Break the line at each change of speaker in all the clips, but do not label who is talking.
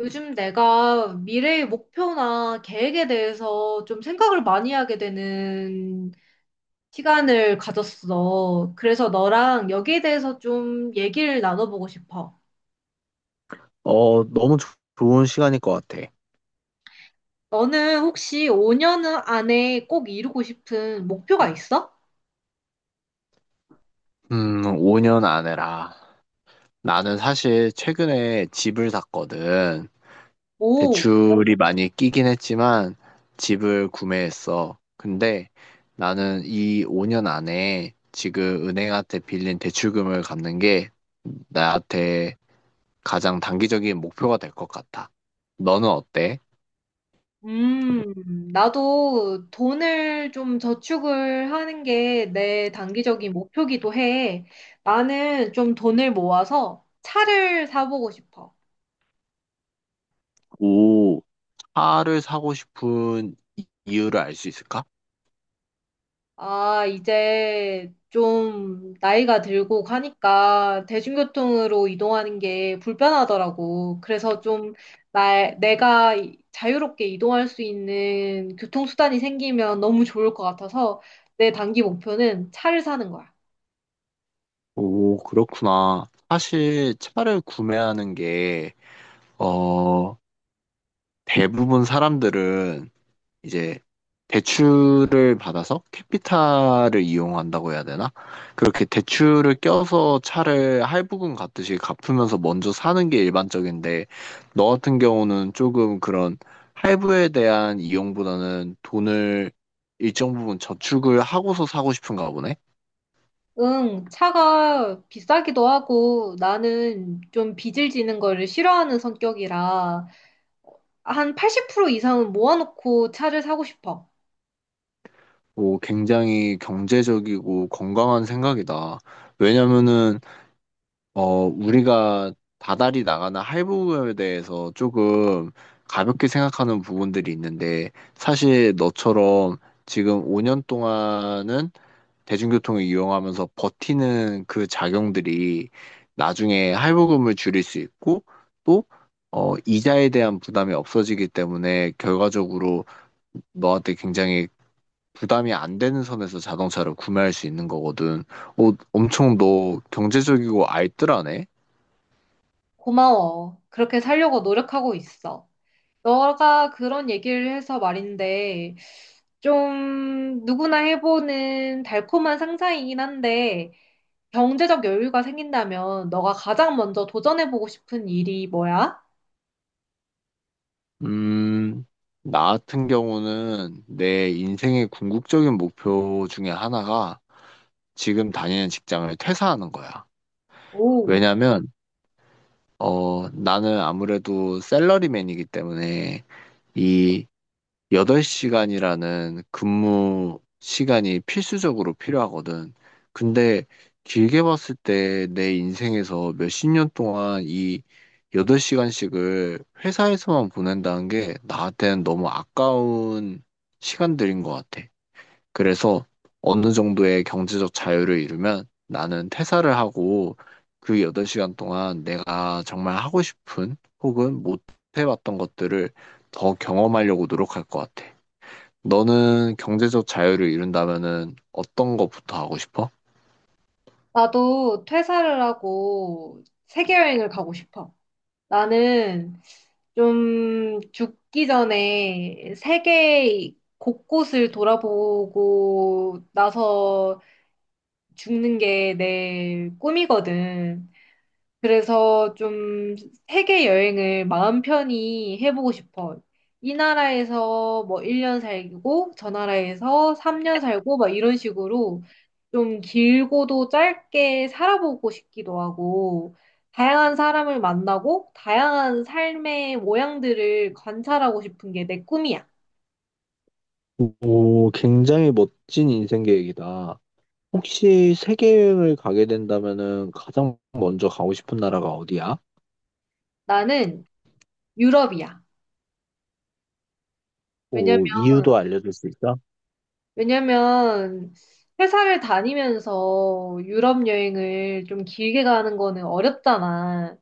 요즘 내가 미래의 목표나 계획에 대해서 좀 생각을 많이 하게 되는 시간을 가졌어. 그래서 너랑 여기에 대해서 좀 얘기를 나눠보고 싶어.
너무 좋은 시간일 것 같아.
너는 혹시 5년 안에 꼭 이루고 싶은 목표가 있어?
5년 안에라. 나는 사실 최근에 집을 샀거든.
오.
대출이 많이 끼긴 했지만 집을 구매했어. 근데 나는 이 5년 안에 지금 은행한테 빌린 대출금을 갚는 게 나한테 가장 단기적인 목표가 될 것 같아. 너는 어때?
나도 돈을 좀 저축을 하는 게 내 단기적인 목표기도 해. 나는 좀 돈을 모아서 차를 사보고 싶어.
오, 차를 사고 싶은 이유를 알 수 있을까?
아, 이제 좀 나이가 들고 가니까 대중교통으로 이동하는 게 불편하더라고. 그래서 좀 내가 자유롭게 이동할 수 있는 교통수단이 생기면 너무 좋을 것 같아서 내 단기 목표는 차를 사는 거야.
오, 그렇구나. 사실 차를 구매하는 게, 어, 대부분 사람들은 이제 대출을 받아서 캐피탈을 이용한다고 해야 되나? 그렇게 대출을 껴서 차를 할부금 갚듯이 갚으면서 먼저 사는 게 일반적인데, 너 같은 경우는 조금 그런 할부에 대한 이용보다는 돈을 일정 부분 저축을 하고서 사고 싶은가 보네.
응, 차가 비싸기도 하고 나는 좀 빚을 지는 거를 싫어하는 성격이라 한 80% 이상은 모아놓고 차를 사고 싶어.
오, 굉장히 경제적이고 건강한 생각이다. 왜냐면은, 우리가 다달이 나가는 할부에 대해서 조금 가볍게 생각하는 부분들이 있는데, 사실 너처럼 지금 5년 동안은 대중교통을 이용하면서 버티는 그 작용들이 나중에 할부금을 줄일 수 있고 또 이자에 대한 부담이 없어지기 때문에 결과적으로 너한테 굉장히 부담이 안 되는 선에서 자동차를 구매할 수 있는 거거든. 엄청 너 경제적이고 알뜰하네?
고마워. 그렇게 살려고 노력하고 있어. 너가 그런 얘기를 해서 말인데, 좀 누구나 해보는 달콤한 상상이긴 한데, 경제적 여유가 생긴다면 너가 가장 먼저 도전해보고 싶은 일이 뭐야?
음, 나 같은 경우는 내 인생의 궁극적인 목표 중에 하나가 지금 다니는 직장을 퇴사하는 거야.
오.
왜냐면, 나는 아무래도 샐러리맨이기 때문에 이 8시간이라는 근무 시간이 필수적으로 필요하거든. 근데 길게 봤을 때 내 인생에서 몇 십 년 동안 이 8시간씩을 회사에서만 보낸다는 게 나한테는 너무 아까운 시간들인 것 같아. 그래서 어느 정도의 경제적 자유를 이루면 나는 퇴사를 하고 그 8시간 동안 내가 정말 하고 싶은 혹은 못 해봤던 것들을 더 경험하려고 노력할 것 같아. 너는 경제적 자유를 이룬다면은 어떤 것부터 하고 싶어?
나도 퇴사를 하고 세계여행을 가고 싶어. 나는 좀 죽기 전에 세계 곳곳을 돌아보고 나서 죽는 게 내 꿈이거든. 그래서 좀 세계 여행을 마음 편히 해보고 싶어. 이 나라에서 뭐 1년 살고, 저 나라에서 3년 살고, 막 이런 식으로 좀 길고도 짧게 살아보고 싶기도 하고, 다양한 사람을 만나고, 다양한 삶의 모양들을 관찰하고 싶은 게 내 꿈이야.
오, 굉장히 멋진 인생 계획이다. 혹시 세계 여행을 가게 된다면은 가장 먼저 가고 싶은 나라가 어디야?
나는 유럽이야. 왜냐면,
오, 이유도 알려줄 수 있어?
왜냐면 회사를 다니면서 유럽 여행을 좀 길게 가는 거는 어렵잖아.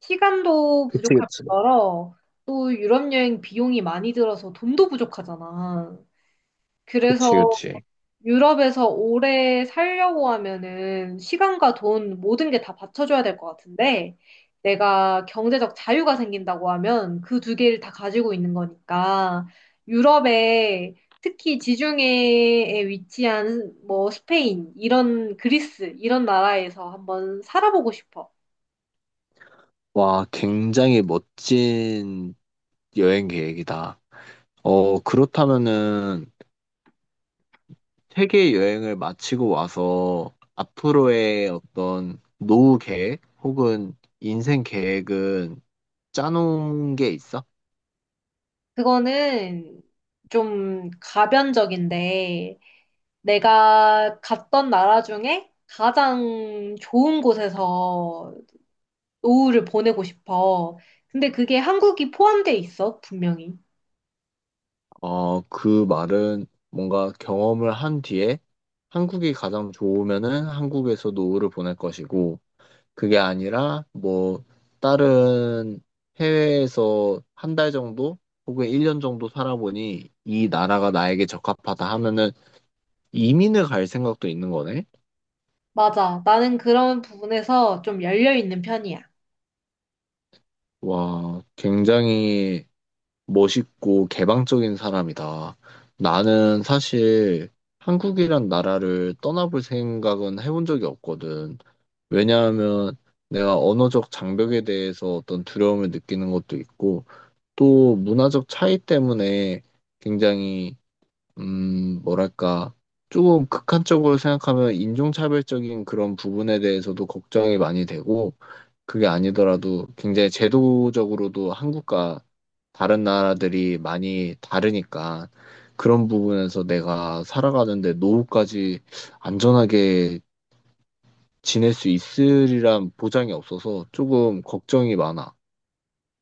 시간도
그치,
부족할
그치.
뿐더러 또 유럽 여행 비용이 많이 들어서 돈도 부족하잖아. 그래서
그치, 그치.
유럽에서 오래 살려고 하면은 시간과 돈 모든 게 다 받쳐줘야 될 것 같은데 내가 경제적 자유가 생긴다고 하면 그 두 개를 다 가지고 있는 거니까 유럽에 특히 지중해에 위치한 뭐 스페인, 이런 그리스, 이런 나라에서 한번 살아보고 싶어.
와, 굉장히 멋진 여행 계획이다. 그렇다면은 세계 여행을 마치고 와서 앞으로의 어떤 노후 계획 혹은 인생 계획은 짜놓은 게 있어?
그거는 좀 가변적인데 내가 갔던 나라 중에 가장 좋은 곳에서 노후를 보내고 싶어. 근데 그게 한국이 포함돼 있어, 분명히.
그 말은 뭔가 경험을 한 뒤에 한국이 가장 좋으면은 한국에서 노후를 보낼 것이고, 그게 아니라 뭐 다른 해외에서 한 달 정도 혹은 1년 정도 살아보니 이 나라가 나에게 적합하다 하면은 이민을 갈 생각도 있는 거네?
맞아. 나는 그런 부분에서 좀 열려 있는 편이야.
와, 굉장히 멋있고 개방적인 사람이다. 나는 사실 한국이란 나라를 떠나볼 생각은 해본 적이 없거든. 왜냐하면 내가 언어적 장벽에 대해서 어떤 두려움을 느끼는 것도 있고, 또 문화적 차이 때문에 굉장히, 뭐랄까, 조금 극한적으로 생각하면 인종차별적인 그런 부분에 대해서도 걱정이 많이 되고, 그게 아니더라도 굉장히 제도적으로도 한국과 다른 나라들이 많이 다르니까 그런 부분에서 내가 살아가는데 노후까지 안전하게 지낼 수 있으리란 보장이 없어서 조금 걱정이 많아.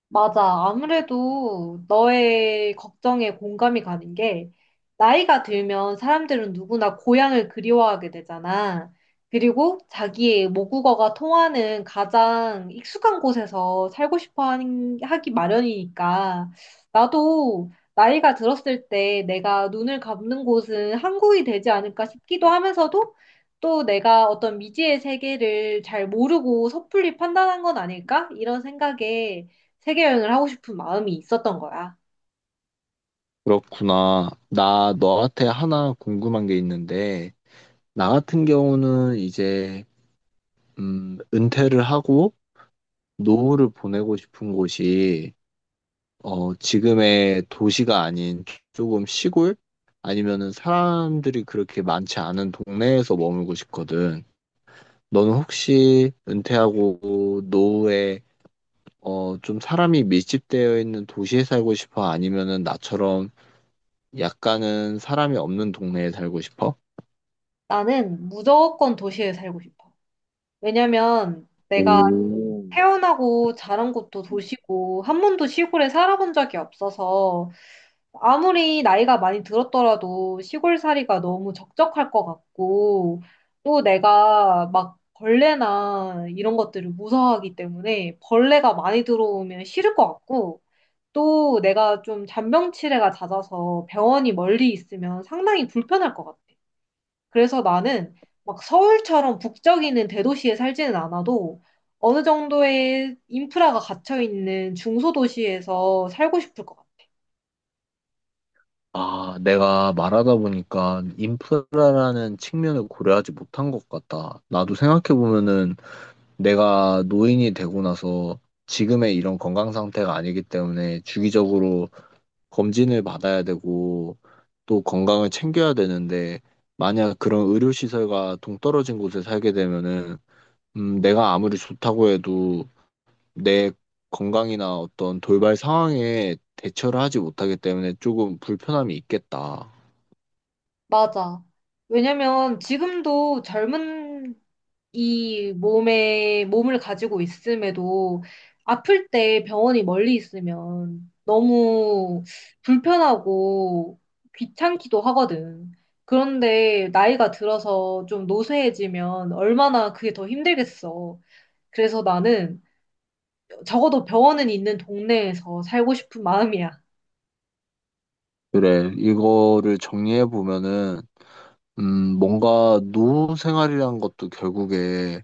맞아. 아무래도 너의 걱정에 공감이 가는 게 나이가 들면 사람들은 누구나 고향을 그리워하게 되잖아. 그리고 자기의 모국어가 통하는 가장 익숙한 곳에서 살고 싶어 하기 마련이니까 나도 나이가 들었을 때 내가 눈을 감는 곳은 한국이 되지 않을까 싶기도 하면서도 또 내가 어떤 미지의 세계를 잘 모르고 섣불리 판단한 건 아닐까? 이런 생각에 세계 여행을 하고 싶은 마음이 있었던 거야.
그렇구나. 나 너한테 하나 궁금한 게 있는데, 나 같은 경우는 이제, 은퇴를 하고 노후를 보내고 싶은 곳이 지금의 도시가 아닌 조금 시골? 아니면은 사람들이 그렇게 많지 않은 동네에서 머물고 싶거든. 너는 혹시 은퇴하고 노후에 좀 사람이 밀집되어 있는 도시에 살고 싶어? 아니면은 나처럼 약간은 사람이 없는 동네에 살고 싶어?
나는 무조건 도시에 살고 싶어. 왜냐면 내가
오.
태어나고 자란 곳도 도시고 한 번도 시골에 살아본 적이 없어서 아무리 나이가 많이 들었더라도 시골살이가 너무 적적할 것 같고 또 내가 막 벌레나 이런 것들을 무서워하기 때문에 벌레가 많이 들어오면 싫을 것 같고 또 내가 좀 잔병치레가 잦아서 병원이 멀리 있으면 상당히 불편할 것 같아. 그래서 나는 막 서울처럼 북적이는 대도시에 살지는 않아도 어느 정도의 인프라가 갇혀 있는 중소도시에서 살고 싶을 것 같아.
아, 내가 말하다 보니까 인프라라는 측면을 고려하지 못한 것 같다. 나도 생각해보면은 내가 노인이 되고 나서 지금의 이런 건강 상태가 아니기 때문에 주기적으로 검진을 받아야 되고 또 건강을 챙겨야 되는데 만약 그런 의료시설과 동떨어진 곳에 살게 되면은 내가 아무리 좋다고 해도 내 건강이나 어떤 돌발 상황에 대처를 하지 못하기 때문에 조금 불편함이 있겠다.
맞아. 왜냐면 지금도 젊은 이 몸을 가지고 있음에도 아플 때 병원이 멀리 있으면 너무 불편하고 귀찮기도 하거든. 그런데 나이가 들어서 좀 노쇠해지면 얼마나 그게 더 힘들겠어. 그래서 나는 적어도 병원은 있는 동네에서 살고 싶은 마음이야.
그래, 이거를 정리해 보면은 뭔가 노후 생활이란 것도 결국에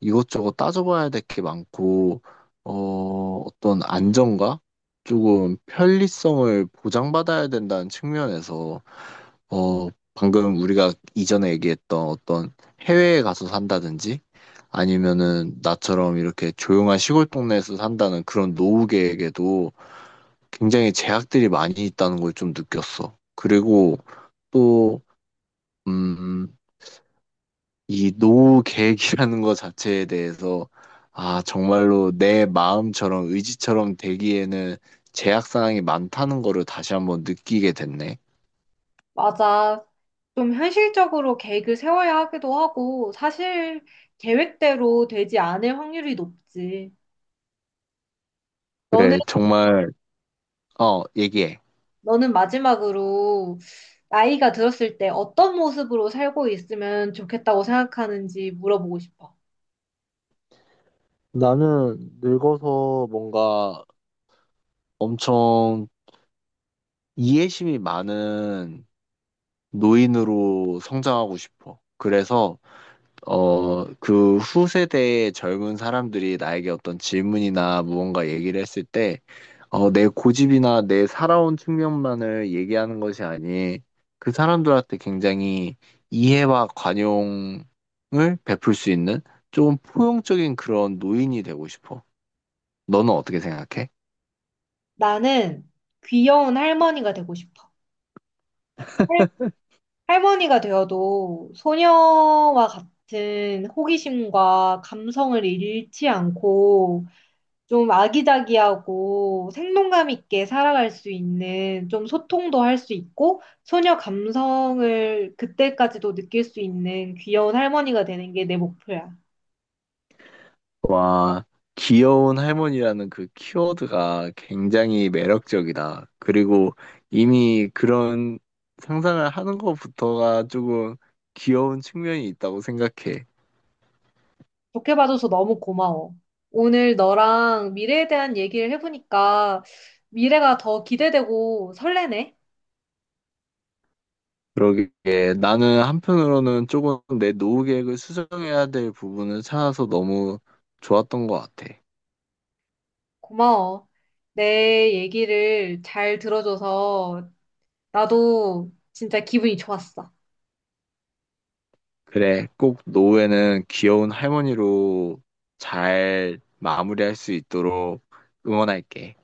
이것저것 따져봐야 될 게 많고, 어떤 안정과 조금 편리성을 보장받아야 된다는 측면에서, 어, 방금 우리가 이전에 얘기했던 어떤 해외에 가서 산다든지, 아니면은 나처럼 이렇게 조용한 시골 동네에서 산다는 그런 노후계에게도 굉장히 제약들이 많이 있다는 걸 좀 느꼈어. 그리고 또, 음, 이 노후 계획이라는 것 자체에 대해서 아, 정말로 내 마음처럼 의지처럼 되기에는 제약 사항이 많다는 거를 다시 한번 느끼게 됐네.
맞아. 좀 현실적으로 계획을 세워야 하기도 하고, 사실 계획대로 되지 않을 확률이 높지. 너는
그래, 정말 얘기해.
너는 마지막으로 나이가 들었을 때 어떤 모습으로 살고 있으면 좋겠다고 생각하는지 물어보고 싶어.
나는 늙어서 뭔가 엄청 이해심이 많은 노인으로 성장하고 싶어. 그래서 그 후세대의 젊은 사람들이 나에게 어떤 질문이나 무언가 얘기를 했을 때 내 고집이나 내 살아온 측면만을 얘기하는 것이 아닌 그 사람들한테 굉장히 이해와 관용을 베풀 수 있는 조금 포용적인 그런 노인이 되고 싶어. 너는 어떻게 생각해?
나는 귀여운 할머니가 되고 싶어. 할- 할머니가 되어도 소녀와 같은 호기심과 감성을 잃지 않고 좀 아기자기하고 생동감 있게 살아갈 수 있는 좀 소통도 할 수 있고 소녀 감성을 그때까지도 느낄 수 있는 귀여운 할머니가 되는 게 내 목표야.
와, 귀여운 할머니라는 그 키워드가 굉장히 매력적이다. 그리고 이미 그런 상상을 하는 것부터가 조금 귀여운 측면이 있다고 생각해.
좋게 봐줘서 너무 고마워. 오늘 너랑 미래에 대한 얘기를 해보니까 미래가 더 기대되고 설레네.
그러게 나는 한편으로는 조금 내 노후 계획을 수정해야 될 부분을 찾아서 너무 좋았던 것 같아.
고마워. 내 얘기를 잘 들어줘서 나도 진짜 기분이 좋았어.
그래, 꼭 노후에는 귀여운 할머니로 잘 마무리할 수 있도록 응원할게.